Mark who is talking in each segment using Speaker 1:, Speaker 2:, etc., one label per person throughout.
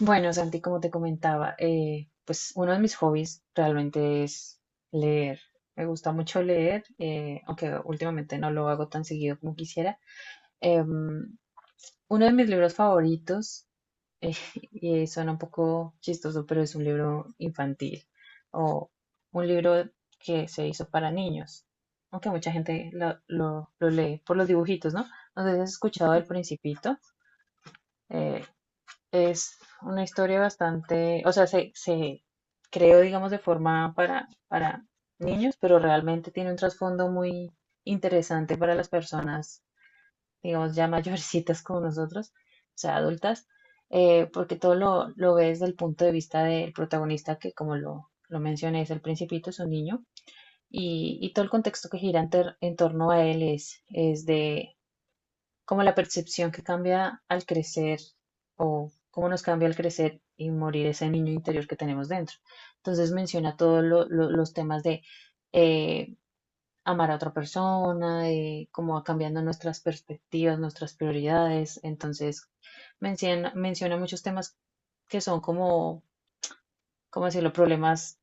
Speaker 1: Bueno, Santi, como te comentaba, pues uno de mis hobbies realmente es leer. Me gusta mucho leer, aunque últimamente no lo hago tan seguido como quisiera. Em, Uno de mis libros favoritos, eh, y suena un poco chistoso, pero es un libro infantil o un libro que se hizo para niños, aunque mucha gente lo lee por los dibujitos, ¿no? No sé si has escuchado El Principito. eh, es una historia bastante, o sea, se creó, digamos, de forma para niños, pero realmente tiene un trasfondo muy interesante para las personas, digamos, ya mayorcitas como nosotros, o sea, adultas, porque todo lo ves desde el punto de vista del protagonista, que como lo mencioné, es el principito, es un niño, y todo el contexto que gira en torno a él es de, como la percepción que cambia al crecer o cómo nos cambia al crecer y morir ese niño interior que tenemos dentro. Entonces menciona todos los temas de eh, amar a otra persona, de cómo va cambiando nuestras perspectivas, nuestras prioridades. Entonces menciona muchos temas que son como, ¿cómo decirlo?, problemas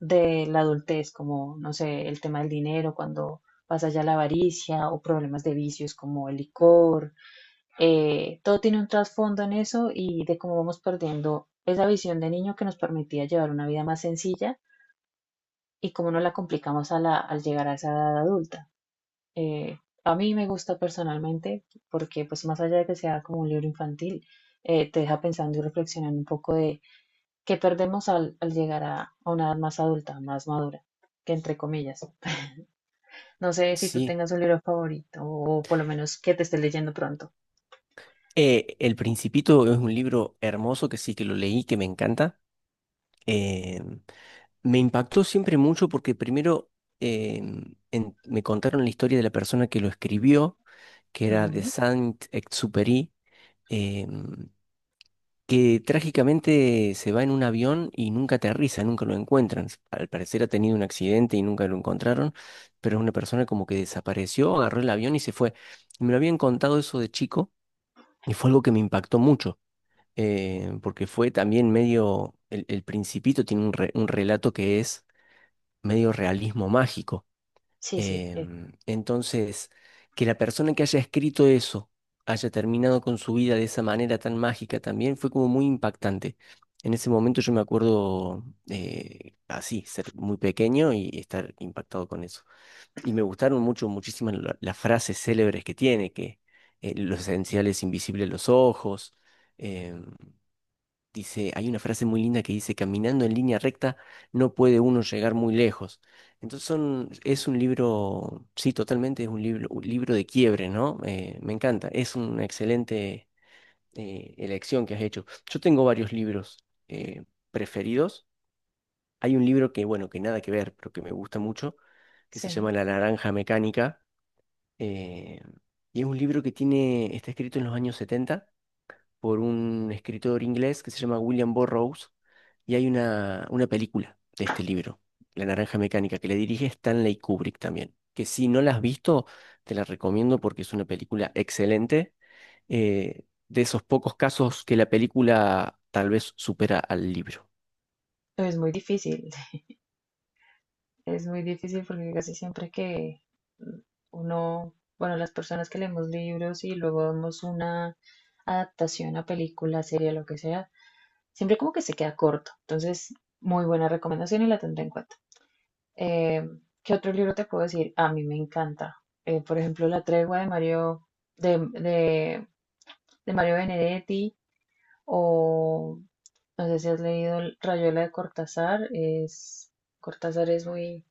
Speaker 1: de la adultez, como, no sé, el tema del dinero, cuando pasa ya la avaricia o problemas de vicios como el licor, todo tiene un trasfondo en eso y de cómo vamos perdiendo esa visión de niño que nos permitía llevar una vida más sencilla y cómo nos la complicamos a al llegar a esa edad adulta. A mí me gusta personalmente porque pues más allá de que sea como un libro infantil, te deja pensando y reflexionando un poco de qué perdemos al llegar a una edad más adulta, más madura, que entre comillas. No sé si tú
Speaker 2: Sí,
Speaker 1: tengas un libro favorito o por lo menos que te estés leyendo pronto.
Speaker 2: El Principito es un libro hermoso que sí que lo leí, que me encanta. Eh, Me impactó siempre mucho porque primero eh, me contaron la historia de la persona que lo escribió, que era de
Speaker 1: Ujú.
Speaker 2: Saint-Exupéry, eh, que trágicamente se va en un avión y nunca aterriza, nunca lo encuentran. Al parecer ha tenido un accidente y nunca lo encontraron, pero es una persona como que desapareció, agarró el avión y se fue. Y me lo habían contado eso de chico y fue algo que me impactó mucho. Porque fue también medio, el Principito tiene un, un relato que es medio realismo mágico.
Speaker 1: Sí, sí,
Speaker 2: Entonces, que la persona que haya escrito eso haya terminado con su vida de esa manera tan mágica también fue como muy impactante. En ese momento yo me acuerdo así, ser muy pequeño y estar impactado con eso. Y me gustaron mucho, muchísimas las frases célebres que tiene, que lo esencial es invisible a los ojos. em, Dice, hay una frase muy linda que dice, caminando en línea recta no puede uno llegar muy lejos. Entonces son, es un libro, sí, totalmente es un libro de quiebre, ¿no? Me encanta, es una excelente elección que has hecho. Yo tengo varios libros eh, preferidos. Hay un libro que, bueno, que nada que ver, pero que me gusta mucho, que se
Speaker 1: sí.
Speaker 2: llama La Naranja Mecánica. eh, y es un libro que tiene, está escrito en los años 70 por un escritor inglés que se llama William Burroughs y hay una película de este libro, La Naranja Mecánica, que le dirige Stanley Kubrick también, que si no la has visto, te la recomiendo porque es una película excelente, de esos pocos casos que la película tal vez supera al libro.
Speaker 1: Es muy difícil, es muy difícil porque casi siempre que uno, bueno, las personas que leemos libros y luego vemos una adaptación a película, serie, lo que sea, siempre como que se queda corto. Entonces, muy buena recomendación y la tendré en cuenta. Eh, ¿Qué otro libro te puedo decir? A mí me encanta. Por ejemplo, La tregua de Mario, de, de, de Mario Benedetti, o no sé si has leído El Rayuela de Cortázar. Es, Cortázar es muy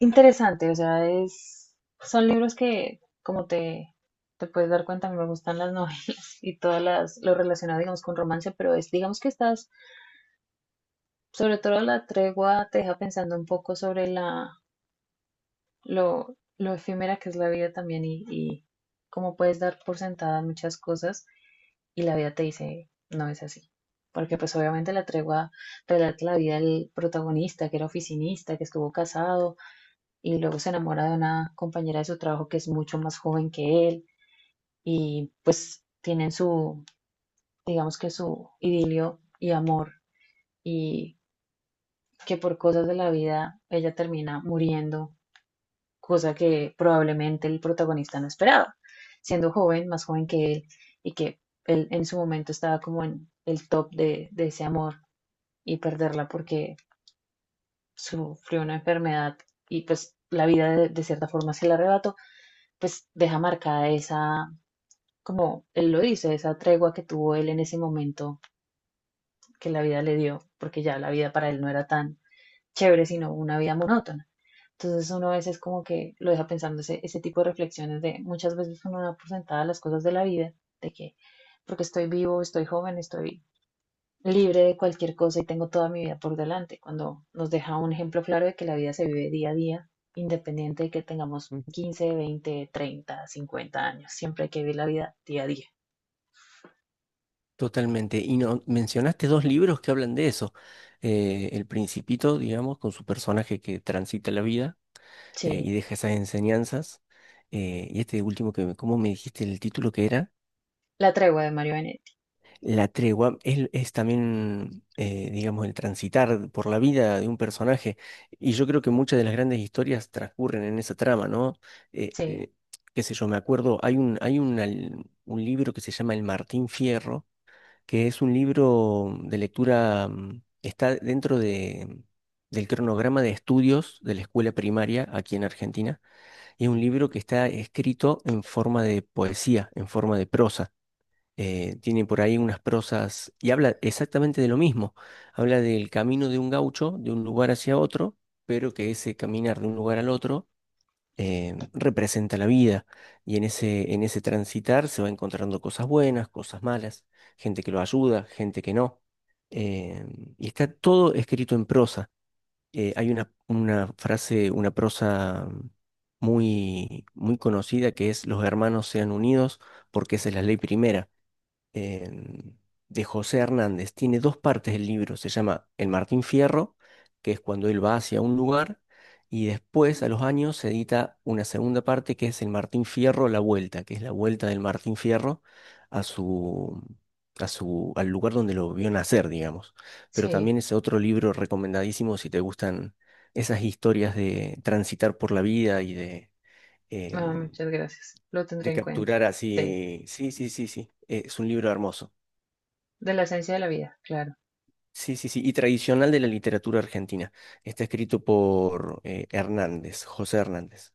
Speaker 1: interesante, o sea, es, son libros que, como te puedes dar cuenta, a mí me gustan las novelas y todas las, lo relacionado, digamos, con romance, pero es, digamos que estás, sobre todo la tregua te deja pensando un poco sobre la, lo efímera que es la vida también y cómo puedes dar por sentada muchas cosas y la vida te dice, no es así. Porque pues obviamente la tregua relata la vida del protagonista, que era oficinista, que estuvo casado, y luego se enamora de una compañera de su trabajo que es mucho más joven que él y pues tienen su, digamos que su idilio y amor y que por cosas de la vida ella termina muriendo, cosa que probablemente el protagonista no esperaba, siendo joven, más joven que él, y que él en su momento estaba como en el top de ese amor y perderla porque sufrió una enfermedad y pues la vida de cierta forma se la arrebató, pues deja marcada esa, como él lo dice, esa tregua que tuvo él en ese momento que la vida le dio, porque ya la vida para él no era tan chévere, sino una vida monótona. Entonces uno a veces como que lo deja pensando ese, ese tipo de reflexiones de muchas veces uno da por sentada las cosas de la vida, de que porque estoy vivo, estoy joven, estoy libre de cualquier cosa y tengo toda mi vida por delante, cuando nos deja un ejemplo claro de que la vida se vive día a día, independiente de que tengamos
Speaker 2: Ujú.
Speaker 1: 15, 20, 30, 50 años, siempre hay que vivir la vida día a día.
Speaker 2: Totalmente. Y no, mencionaste dos libros que hablan de eso. El Principito, digamos, con su personaje que transita la vida
Speaker 1: Sí,
Speaker 2: y deja esas enseñanzas. Y este último que, ¿cómo me dijiste el título que era?
Speaker 1: La tregua de Mario Benetti.
Speaker 2: La tregua es también, digamos, el transitar por la vida de un personaje. Y yo creo que muchas de las grandes historias transcurren en esa trama, ¿no? Eh,
Speaker 1: Sí,
Speaker 2: eh, qué sé yo, me acuerdo, un libro que se llama El Martín Fierro, que es un libro de lectura, mm, está dentro del cronograma de estudios de la escuela primaria aquí en Argentina. Es un libro que está escrito en forma de poesía, en forma de prosa. Tiene por ahí unas prosas y habla exactamente de lo mismo. Habla del camino de un gaucho, de un lugar hacia otro, pero que ese caminar de un lugar al otro representa la vida. Y en en ese transitar se va encontrando cosas buenas, cosas malas, gente que lo ayuda, gente que no. Eh, y está todo escrito en prosa hay una frase, una prosa muy, muy conocida que es los hermanos sean unidos porque esa es la ley primera em, de José Hernández. Tiene dos partes el libro. Se llama El Martín Fierro, que es cuando él va hacia un lugar, y después, a los años, se edita una segunda parte que es El Martín Fierro, la vuelta, que es la vuelta del Martín Fierro a a su, al lugar donde lo vio nacer, digamos. Pero también
Speaker 1: sí.
Speaker 2: es otro libro recomendadísimo si te gustan esas historias de transitar por la vida y de...
Speaker 1: Ah,
Speaker 2: em,
Speaker 1: muchas gracias. Lo
Speaker 2: de
Speaker 1: tendré en cuenta.
Speaker 2: capturar
Speaker 1: Sí.
Speaker 2: así, sí, sí, sí, sí, es un libro hermoso.
Speaker 1: De la esencia de la vida, claro.
Speaker 2: Sí, sí, sí, y tradicional de la literatura argentina. Está escrito por Hernández, José Hernández.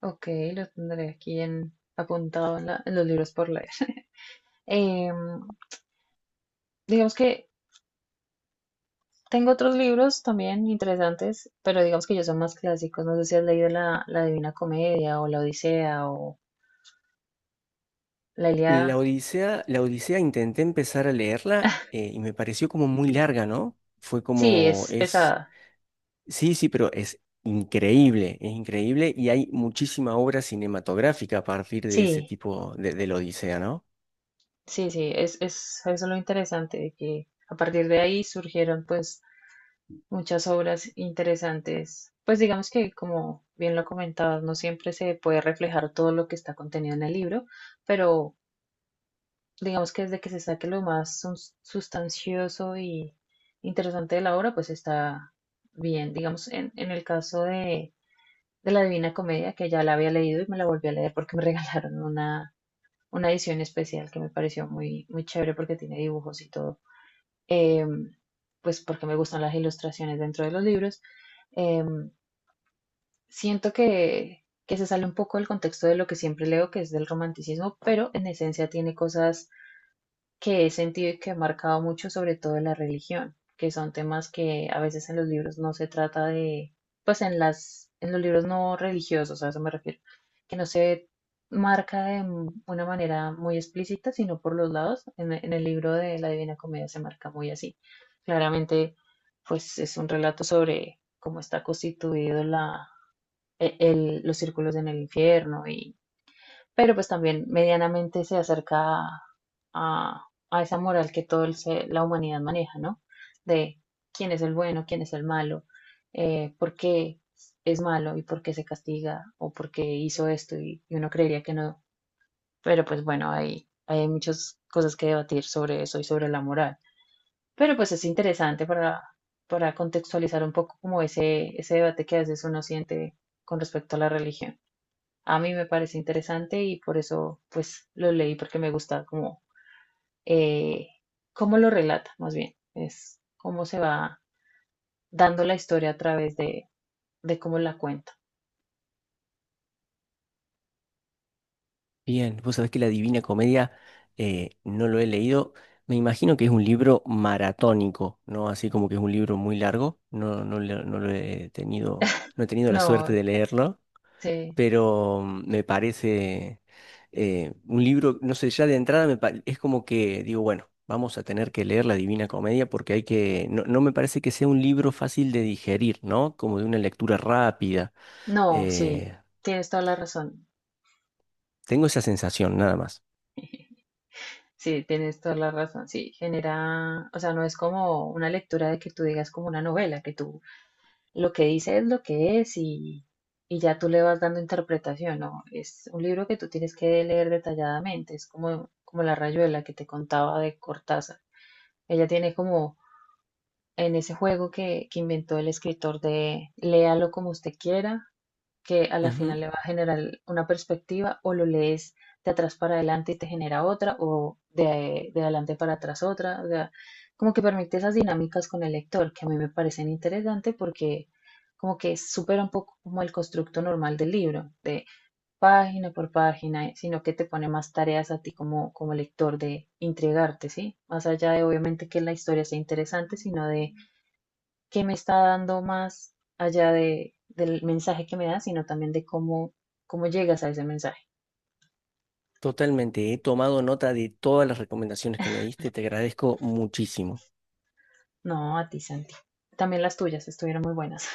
Speaker 1: Ok, lo tendré aquí en, apuntado en, en los libros por leer. Em, digamos que tengo otros libros también interesantes, pero digamos que ellos son más clásicos. No sé si has leído la, la Divina Comedia o la Odisea o la Ilíada.
Speaker 2: La Odisea intenté empezar a leerla y me pareció como muy larga, ¿no? Fue
Speaker 1: Sí,
Speaker 2: como
Speaker 1: es
Speaker 2: es,
Speaker 1: pesada.
Speaker 2: sí, sí, pero es increíble y hay muchísima obra cinematográfica a partir de ese
Speaker 1: Sí,
Speaker 2: tipo de la Odisea, ¿no?
Speaker 1: sí, sí, es eso es lo interesante de que a partir de ahí surgieron pues muchas obras interesantes. Pues digamos que, como bien lo comentabas, no siempre se puede reflejar todo lo que está contenido en el libro, pero digamos que desde que se saque lo más sustancioso y interesante de la obra, pues está bien. Digamos, en el caso de la Divina Comedia, que ya la había leído y me la volví a leer porque me regalaron una edición especial que me pareció muy, muy chévere porque tiene dibujos y todo. Em, pues porque me gustan las ilustraciones dentro de los libros. Em, Siento que se sale un poco del contexto de lo que siempre leo, que es del romanticismo, pero en esencia tiene cosas que he sentido y que he marcado mucho, sobre todo en la religión, que son temas que a veces en los libros no se trata de, pues en las, en los libros no religiosos, a eso me refiero, que no se marca de una manera muy explícita, sino por los lados. En el libro de la Divina Comedia se marca muy así. Claramente, pues es un relato sobre cómo está constituido la, los círculos en el infierno, y, pero pues también medianamente se acerca a, a- a esa moral que toda la humanidad maneja, ¿no? De quién es el bueno, quién es el malo, por qué es malo y por qué se castiga o por qué hizo esto y uno creería que no, pero pues bueno, hay muchas cosas que debatir sobre eso y sobre la moral, pero pues es interesante para contextualizar un poco como ese debate que a veces uno siente con respecto a la religión. A mí me parece interesante y por eso pues lo leí porque me gusta como eh, cómo lo relata más bien, es cómo se va dando la historia a través de cómo la cuenta.
Speaker 2: Bien, vos sabés que La Divina Comedia no lo he leído. Me imagino que es un libro maratónico, ¿no? Así como que es un libro muy largo. No, no, lo no lo he tenido, no he tenido la suerte
Speaker 1: No,
Speaker 2: de leerlo,
Speaker 1: sí,
Speaker 2: pero mm, me parece un libro, no sé, ya de entrada es como que digo, bueno, vamos a tener que leer La Divina Comedia porque hay que, no, no me parece que sea un libro fácil de digerir, ¿no? Como de una lectura rápida.
Speaker 1: no, sí,
Speaker 2: Eh,
Speaker 1: tienes toda la razón.
Speaker 2: Tengo esa sensación, nada más.
Speaker 1: Sí, tienes toda la razón. Sí, genera, o sea, no es como una lectura de que tú digas como una novela, que tú lo que dice es lo que es y ya tú le vas dando interpretación, ¿no? Es un libro que tú tienes que leer detalladamente, es como, como La Rayuela que te contaba de Cortázar. Ella tiene como en ese juego que inventó el escritor de léalo como usted quiera, que a la final le va a generar una perspectiva o lo lees de atrás para adelante y te genera otra o de adelante para atrás otra. O sea, como que permite esas dinámicas con el lector que a mí me parecen interesantes porque como que supera un poco como el constructo normal del libro, de página por página, sino que te pone más tareas a ti como, como lector de intrigarte, ¿sí? Más allá de obviamente que la historia sea interesante, sino de que me está dando más allá de, del mensaje que me da, sino también de cómo, cómo llegas a ese mensaje.
Speaker 2: Totalmente, he tomado nota de todas las recomendaciones que me diste, te agradezco muchísimo.
Speaker 1: No, a ti, Santi. También las tuyas estuvieron muy buenas.